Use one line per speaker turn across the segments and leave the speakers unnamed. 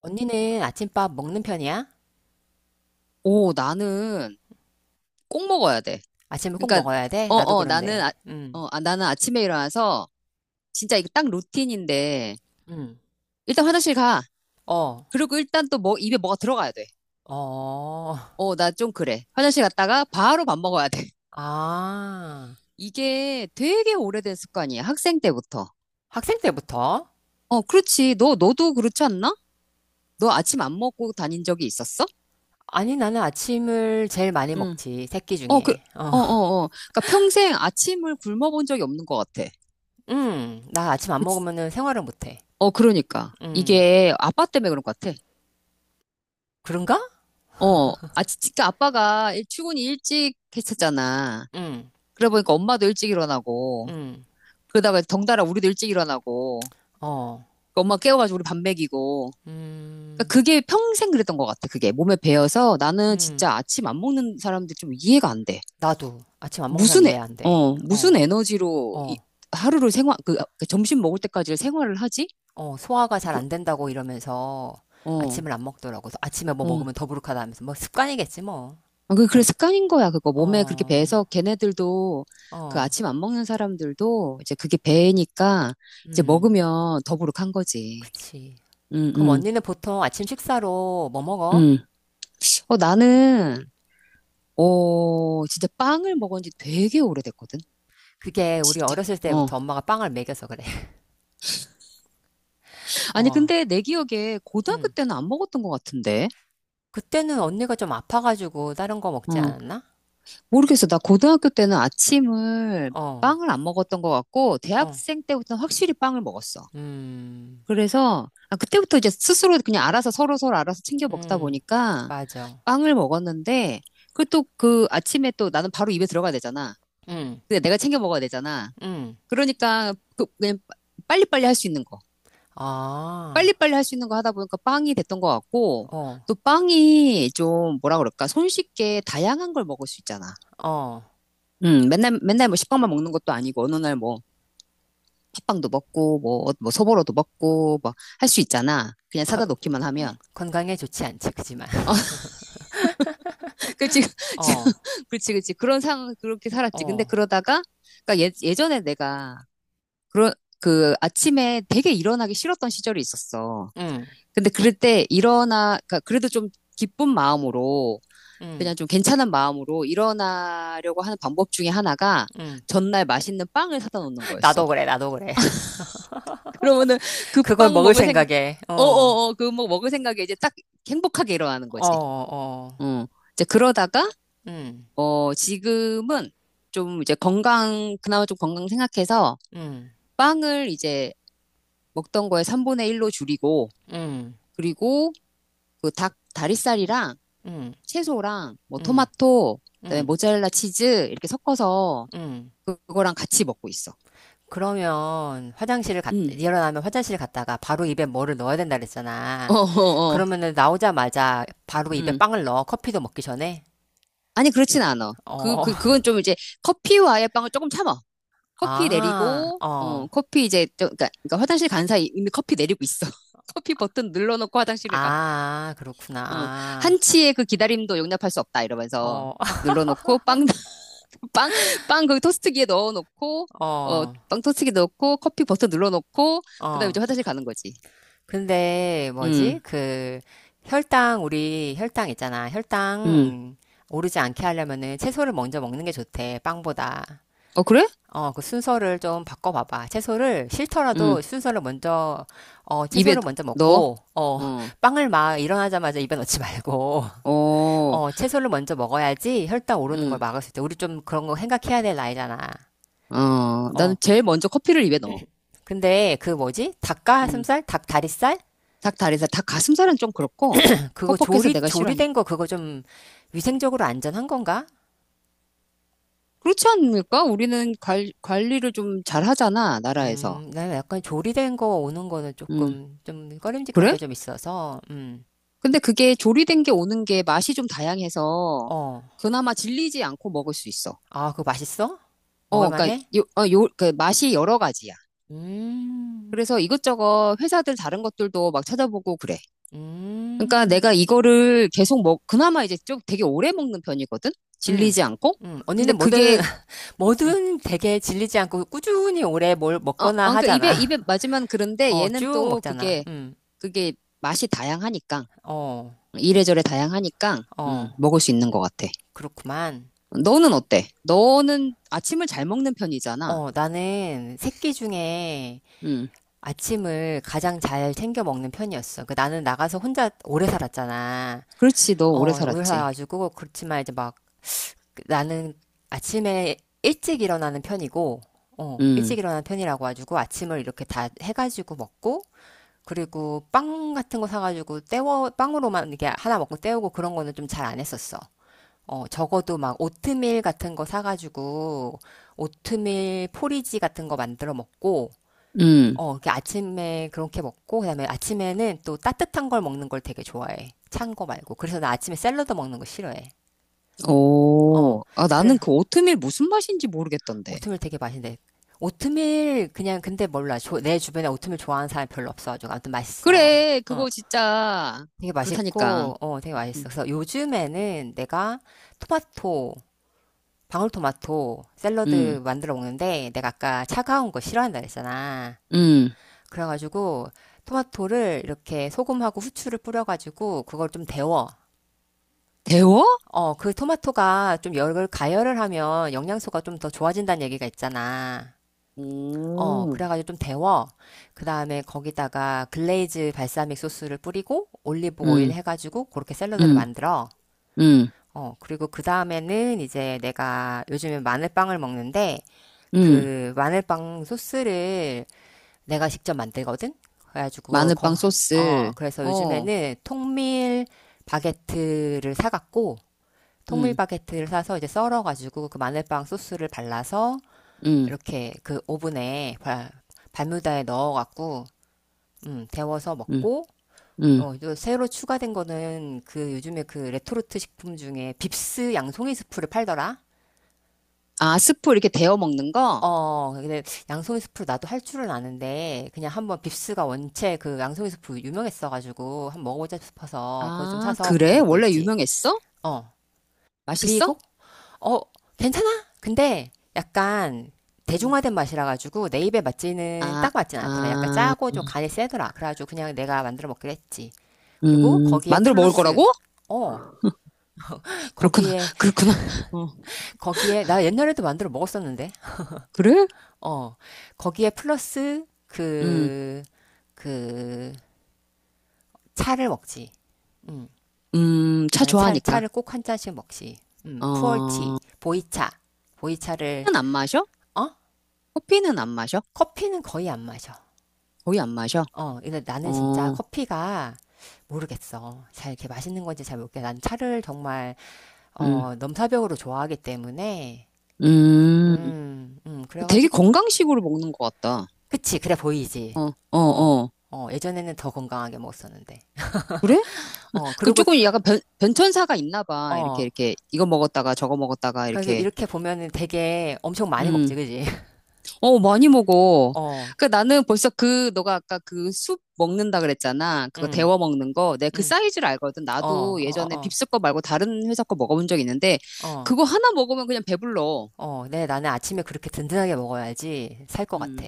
언니는 아침밥 먹는 편이야?
오, 나는 꼭 먹어야 돼.
아침을 꼭
그러니까,
먹어야 돼?
어,
나도
어, 나는,
그런데.
아, 어, 아, 나는 아침에 일어나서 진짜 이거 딱 루틴인데,
음.
일단 화장실 가.
어,
그리고 일단 또 뭐, 입에 뭐가 들어가야 돼.
어,
나 좀 그래. 화장실 갔다가 바로 밥 먹어야 돼.
아.
이게 되게 오래된 습관이야. 학생 때부터.
학생 때부터?
어, 그렇지. 너도 그렇지 않나? 너 아침 안 먹고 다닌 적이 있었어?
아니, 나는 아침을 제일 많이
응.
먹지. 새끼
어, 그,
중에. 어,
어, 어, 어. 그러니까 평생 아침을 굶어본 적이 없는 것 같아.
나 아침 안
그치?
먹으면은 생활을 못 해.
어, 그러니까.
음.
이게 아빠 때문에 그런 것 같아.
그런가?
진짜 아빠가 출근이 일찍 했었잖아.
음,
그러다 보니까 엄마도 일찍 일어나고,
음.
그러다가 덩달아 우리도 일찍 일어나고,
어,
그 엄마 깨워가지고 우리 밥 먹이고. 그러니까
음,
그게 평생 그랬던 것 같아, 그게. 몸에 배어서 나는
음.
진짜 아침 안 먹는 사람들 좀 이해가 안 돼.
나도 아침 안 먹는 사람
무슨,
이해
에,
안 돼.
어, 무슨
어,
에너지로
어.
하루를 생활, 그 점심 먹을 때까지 생활을 하지?
어, 소화가 잘
그,
안 된다고 이러면서
어,
아침을 안 먹더라고. 그래서 아침에 뭐
어.
먹으면 더부룩하다 하면서 뭐 습관이겠지 뭐.
그래, 습관인 거야, 그거. 몸에 그렇게
어,
배서 걔네들도 그
어,
아침 안 먹는 사람들도 이제 그게 배니까 이제
음,
먹으면 더부룩한 거지.
그치.
응,
그럼
응,
언니는 보통 아침 식사로 뭐 먹어?
응. 나는, 진짜 빵을 먹은 지 되게 오래됐거든.
그게 우리
진짜.
어렸을 때부터
어.
엄마가 빵을 먹여서 그래.
아니,
어,
근데 내 기억에 고등학교
음.
때는 안 먹었던 것 같은데.
그때는 언니가 좀 아파가지고 다른 거 먹지
어.
않았나?
모르겠어. 나 고등학교 때는 아침을
어,
빵을 안 먹었던 것 같고,
어,
대학생 때부터는 확실히 빵을 먹었어.
음,
그래서 그때부터 이제 스스로 그냥 알아서 서로 서로 알아서 챙겨 먹다
음,
보니까
맞아.
빵을 먹었는데 그또그 아침에 또 나는 바로 입에 들어가야 되잖아.
음,
근데 내가 챙겨 먹어야 되잖아.
음.
그러니까 그 그냥 빨리빨리 할 수 있는 거.
아,
빨리빨리 할 수 있는 거 하다 보니까 빵이 됐던 것 같고
어,
또 빵이 좀 뭐라 그럴까? 손쉽게 다양한 걸 먹을 수 있잖아.
어.
맨날 맨날 뭐 식빵만 먹는 것도 아니고 어느 날 뭐 팥빵도 먹고 뭐 뭐 소보로도 먹고 뭐 할 수 있잖아. 그냥
거-
사다 놓기만 하면. 어,
건강에 좋지 않지, 그지만.
그렇지,
어,
그렇지, 그렇지. 그런 상황, 그렇게 살았지. 근데
어,
그러다가, 그러니까 예전에 내가, 그런, 그 아침에 되게 일어나기 싫었던 시절이 있었어.
응,
근데 그럴 때 일어나, 그러니까 그래도 좀 기쁜 마음으로, 그냥
응,
좀 괜찮은 마음으로 일어나려고 하는 방법 중에 하나가
응.
전날 맛있는 빵을 사다 놓는 거였어.
나도 그래, 나도 그래.
그러면은 그
그걸
빵
먹을
먹을 생각,
생각에, 어,
그 뭐 먹을 생각에 이제 딱 행복하게 일어나는
어,
거지.
어,
어. 이제 그러다가,
응,
지금은 좀 이제 그나마 좀 건강 생각해서
응,
빵을 이제 먹던 거에 3분의 1로 줄이고,
응,
그리고 그 다리살이랑
응,
채소랑 뭐
응,
토마토, 그다음에
응,
모짜렐라 치즈 이렇게 섞어서
응.
그거랑 같이 먹고 있어.
그러면
음.
일어나면 화장실 갔다가 바로 입에 뭐를 넣어야 된다
어,
그랬잖아.
어, 어.
그러면은 나오자마자 바로 입에
음.
빵을 넣어. 커피도 먹기 전에.
아니, 그렇진 않아. 그,
어,
그, 그건 좀 이제 커피와의 빵을 조금 참아. 커피
아,
내리고,
어,
커피 이제, 그러니까 화장실 간 사이 이미 커피 내리고 있어. 커피 버튼 눌러놓고 화장실을 가.
아,
어,
그렇구나.
한치의 그 기다림도 용납할 수 없다 이러면서
어,
딱 눌러놓고 빵, 빵, 빵 거기 토스트기에 넣어놓고
어,
빵 토스트기에 넣고 커피 버튼 눌러놓고 그다음에
어.
이제 화장실 가는 거지.
근데
음,
뭐지? 그 혈당 우리 혈당 있잖아.
음.
혈당 오르지 않게 하려면은 채소를 먼저 먹는 게 좋대. 빵보다.
어 그래?
어, 그 순서를 좀 바꿔봐봐. 채소를
음.
싫더라도 순서를 먼저 어,
입에
채소를 먼저
넣어?
먹고 어,
어,
빵을 막 일어나자마자 입에 넣지 말고
어,
어, 채소를 먼저 먹어야지 혈당 오르는 걸
음.
막을 수 있대. 우리 좀 그런 거 생각해야 될 나이잖아.
나는
어.
제일 먼저 커피를 입에 넣어.
근데 그 뭐지?
음.
닭가슴살, 닭다리살
닭다리살, 닭가슴살은 좀 그렇고
그거
퍽퍽해서 내가 싫어하니까.
조리된 거 그거 좀 위생적으로 안전한 건가?
그렇지 않을까? 우리는 관리를 좀 잘하잖아, 나라에서.
나 약간 조리된 거 오는 거는
음.
조금 좀 꺼림직한
그래?
게 좀 있어서,
근데 그게 조리된 게 오는 게 맛이 좀 다양해서
어.
그나마 질리지 않고 먹을 수 있어.
아, 그거 맛있어? 먹을
그러니까
만해?
그 맛이 여러 가지야.
음,
그래서 이것저것 회사들 다른 것들도 막 찾아보고 그래. 그러니까
음,
내가 이거를 계속 그나마 이제 좀 되게 오래 먹는 편이거든?
음,
질리지 않고? 근데
언니는 뭐든,
그게, 응.
뭐든 되게 질리지 않고 꾸준히 오래 뭘 먹거나
그러니까
하잖아.
입에 맞으면 그런데
어,
얘는
쭉
또
먹잖아.
그게, 그게 맛이 다양하니까.
어,
이래저래 다양하니까,
어,
먹을 수 있는 것 같아.
그렇구만.
너는 어때? 너는 아침을 잘 먹는 편이잖아.
어, 나는 새끼 중에
음.
아침을 가장 잘 챙겨 먹는 편이었어. 그 나는 나가서 혼자 오래 살았잖아.
그렇지. 너
어,
오래
오래
살았지.
살아가지고 그렇지만 이제 막 나는 아침에 일찍 일어나는 편이고, 어,
음.
일찍 일어나는 편이라고 해가지고 아침을 이렇게 다 해가지고 먹고, 그리고 빵 같은 거 사가지고 때워, 빵으로만 이게 하나 먹고 때우고 그런 거는 좀 잘 안 했었어. 어, 적어도 막 오트밀 같은 거 사가지고 오트밀 포리지 같은 거 만들어 먹고,
음.
어, 그 아침에 그렇게 먹고, 그다음에 아침에는 또 따뜻한 걸 먹는 걸 되게 좋아해. 찬 거 말고. 그래서 나 아침에 샐러드 먹는 거 싫어해. 어,
오. 아,
그래.
나는 그 오트밀 무슨 맛인지 모르겠던데.
오트밀 되게 맛있는데. 오트밀, 그냥, 근데 몰라. 내 주변에 오트밀 좋아하는 사람 별로 없어가지고. 아무튼 맛있어.
그래.
어,
그거 진짜.
되게
그렇다니까.
맛있고, 어, 되게 맛있어. 그래서 요즘에는 내가 토마토, 방울토마토
음.
샐러드 만들어 먹는데, 내가 아까 차가운 거 싫어한다 그랬잖아.
음.
그래가지고 토마토를 이렇게 소금하고 후추를 뿌려가지고 그걸 좀 데워.
데워?
어, 그 토마토가 좀 열을 가열을 하면 영양소가 좀 더 좋아진다는 얘기가 있잖아. 어,
오.
그래가지고 좀 데워. 그 다음에 거기다가 글레이즈 발사믹 소스를 뿌리고 올리브 오일
음.
해가지고 그렇게 샐러드를
음.
만들어.
음.
어, 그리고 그 다음에는 이제 내가 요즘에 마늘빵을 먹는데
음.
그 마늘빵 소스를 내가 직접 만들거든? 그래가지고, 거,
마늘빵
어,
소스.
그래서
어.
요즘에는 통밀 바게트를 사갖고, 통밀
음.
바게트를 사서 이제 썰어가지고 그 마늘빵 소스를 발라서
음.
이렇게 그 오븐에 발뮤다에 넣어갖고, 데워서
음.
먹고,
음.
어, 또 새로 추가된 거는 그 요즘에 그 레토르트 식품 중에 빕스 양송이 스프를 팔더라?
아, 스프 이렇게 데워 먹는 거?
어, 근데 양송이 스프를 나도 할 줄은 아는데, 그냥 한번 빕스가 원체 그 양송이 스프 유명했어가지고, 한번 먹어보자 싶어서, 그거 좀
아,
사서 그렇게
그래?
먹고
원래
있지.
유명했어?
어.
맛있어?
그리고, 어, 괜찮아? 근데 약간
음.
대중화된 맛이라가지고,
아,
딱 맞진 않더라. 약간
아.
짜고 좀 간이 세더라. 그래가지고 그냥 내가 만들어 먹기로 했지. 그리고 거기에
만들어 먹을
플러스,
거라고?
어,
그렇구나,
거기에,
그렇구나. 어,
거기에, 나 옛날에도 만들어 먹었었는데.
그래?
어, 거기에 플러스
음,
그, 그, 차를 먹지.
차
나는 차,
좋아하니까.
차를 꼭 한 잔씩 먹지. 푸얼티,
어,
보이차. 보이차를,
커피는 안 마셔?
어?
커피는 안 마셔?
커피는 거의 안 마셔.
거의 안 마셔?
어, 근데 나는 진짜
어,
커피가 모르겠어. 잘 이렇게 맛있는 건지 잘 모르겠어. 난 차를 정말,
음,
어, 넘사벽으로 좋아하기 때문에,
음. 되게
그래가지고,
건강식으로 먹는 것 같다.
그치, 그래 보이지.
어,
어,
어.
어, 예전에는 더 건강하게 먹었었는데.
그래?
어,
그럼
그리고,
조금 약간 변천사가 있나 봐.
어,
이거 먹었다가 저거 먹었다가
그래서
이렇게.
이렇게 보면은 되게 엄청 많이 먹지,
음.
그지?
어, 많이 먹어.
어,
그러니까 나는 벌써 너가 아까 그 숲 먹는다 그랬잖아. 그거
음,
데워 먹는 거. 내가 그
음,
사이즈를 알거든.
어,
나도
어,
예전에
어,
빕스 거 말고 다른 회사 거 먹어본 적 있는데,
어, 어,
그거 하나 먹으면 그냥 배불러.
어. 네, 나는 아침에 그렇게 든든하게 먹어야지 살 것
음,
같아.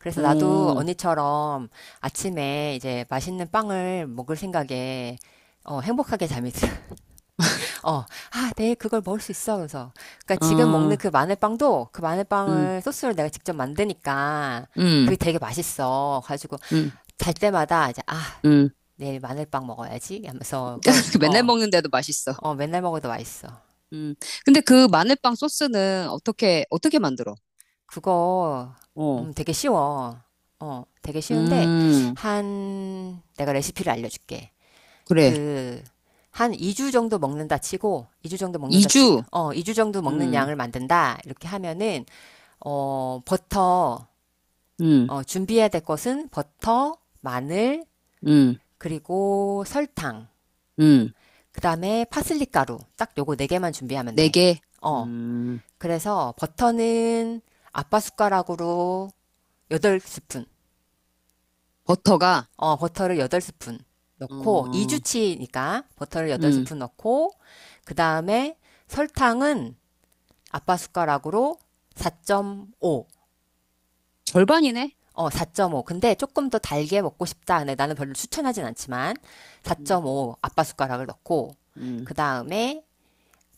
그래서 나도
오,
언니처럼 아침에 이제 맛있는 빵을 먹을 생각에 어, 행복하게 잠이 들어. 어, 아, 내일 그걸 먹을 수 있어. 그래서. 그러니까
어,
지금 먹는
아.
그 마늘빵도 그
음,
마늘빵을 소스를 내가 직접 만드니까 그게
음,
되게 맛있어. 가지고
음,
잘 때마다 이제 아,
음.
내일 마늘빵 먹어야지 하면서 그,
맨날
어,
먹는데도 맛있어.
어, 맨날 먹어도 맛있어.
음. 근데 그 마늘빵 소스는 어떻게 만들어?
그거
어,
되게 쉬워. 어, 되게 쉬운데
음,
한 내가 레시피를 알려줄게.
그래.
그 한 2주 정도 먹는다 치고 2주 정도 먹는다 치
이주
어, 2주 정도 먹는
음,
양을 만든다. 이렇게 하면은 어, 버터,
음,
어, 준비해야 될 것은 버터, 마늘,
음,
그리고 설탕,
음.
그 다음에 파슬리 가루. 딱 요거 네 개만 준비하면
네
돼.
개.
어,
음.
그래서 버터는 아빠 숟가락으로 8스푼,
버터가,
어, 버터를 8스푼 넣고,
어,
2주치니까 버터를
음,
8스푼 넣고, 그 다음에 설탕은 아빠 숟가락으로 4.5,
절반이네?
어, 사점오 근데 조금 더 달게 먹고 싶다. 네, 나는 별로 추천하진 않지만,
음,
4.5 아빠 숟가락을 넣고,
음.
그 다음에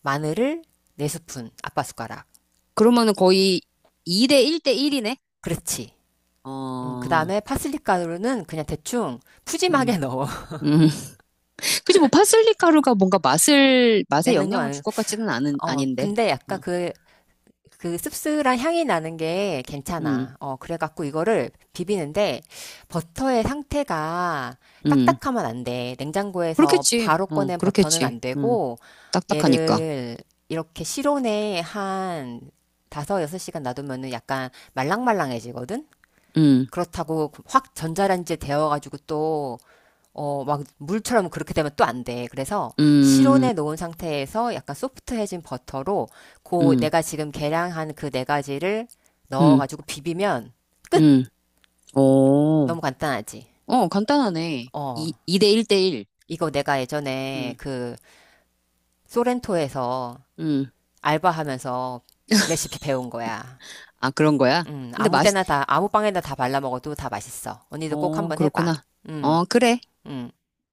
마늘을 4스푼 아빠 숟가락.
그러면은 거의 2대 1대 1이네?
그렇지. 그
어,
다음에 파슬리 가루는 그냥 대충
음,
푸짐하게 넣어.
음. 그치, 뭐, 파슬리 가루가 뭔가 맛에
내는 건
영향을 줄
아니고.
것 같지는
어,
아닌데.
근데
어,
약간 그, 그 씁쓸한 향이 나는 게
음,
괜찮아. 어, 그래갖고 이거를 비비는데 버터의 상태가
음.
딱딱하면 안 돼. 냉장고에서
그렇겠지.
바로
어,
꺼낸 버터는
그렇겠지.
안 되고
딱딱하니까.
얘를 이렇게 실온에 한 다섯 여섯 시간 놔두면은 약간 말랑말랑해지거든?
음,
그렇다고 확 전자레인지에 데워가지고 또, 어, 막 물처럼 그렇게 되면 또 안 돼. 그래서
음,
실온에 놓은 상태에서 약간 소프트해진 버터로 그
음,
내가 지금 계량한 그 네 가지를
음,
넣어가지고 비비면 끝!
음. 오,
너무 간단하지.
어, 간단하네. 2,
어.
이대 1대 1.
이거 내가 예전에
음,
그 소렌토에서
음.
알바하면서 레시피 배운 거야.
아, 그런 거야? 근데
아무
맛이
때나 다, 아무 빵에나 다 발라 먹어도 다 맛있어. 언니도 꼭
어,
한번 해봐.
그렇구나. 어,
음,
그래.
음.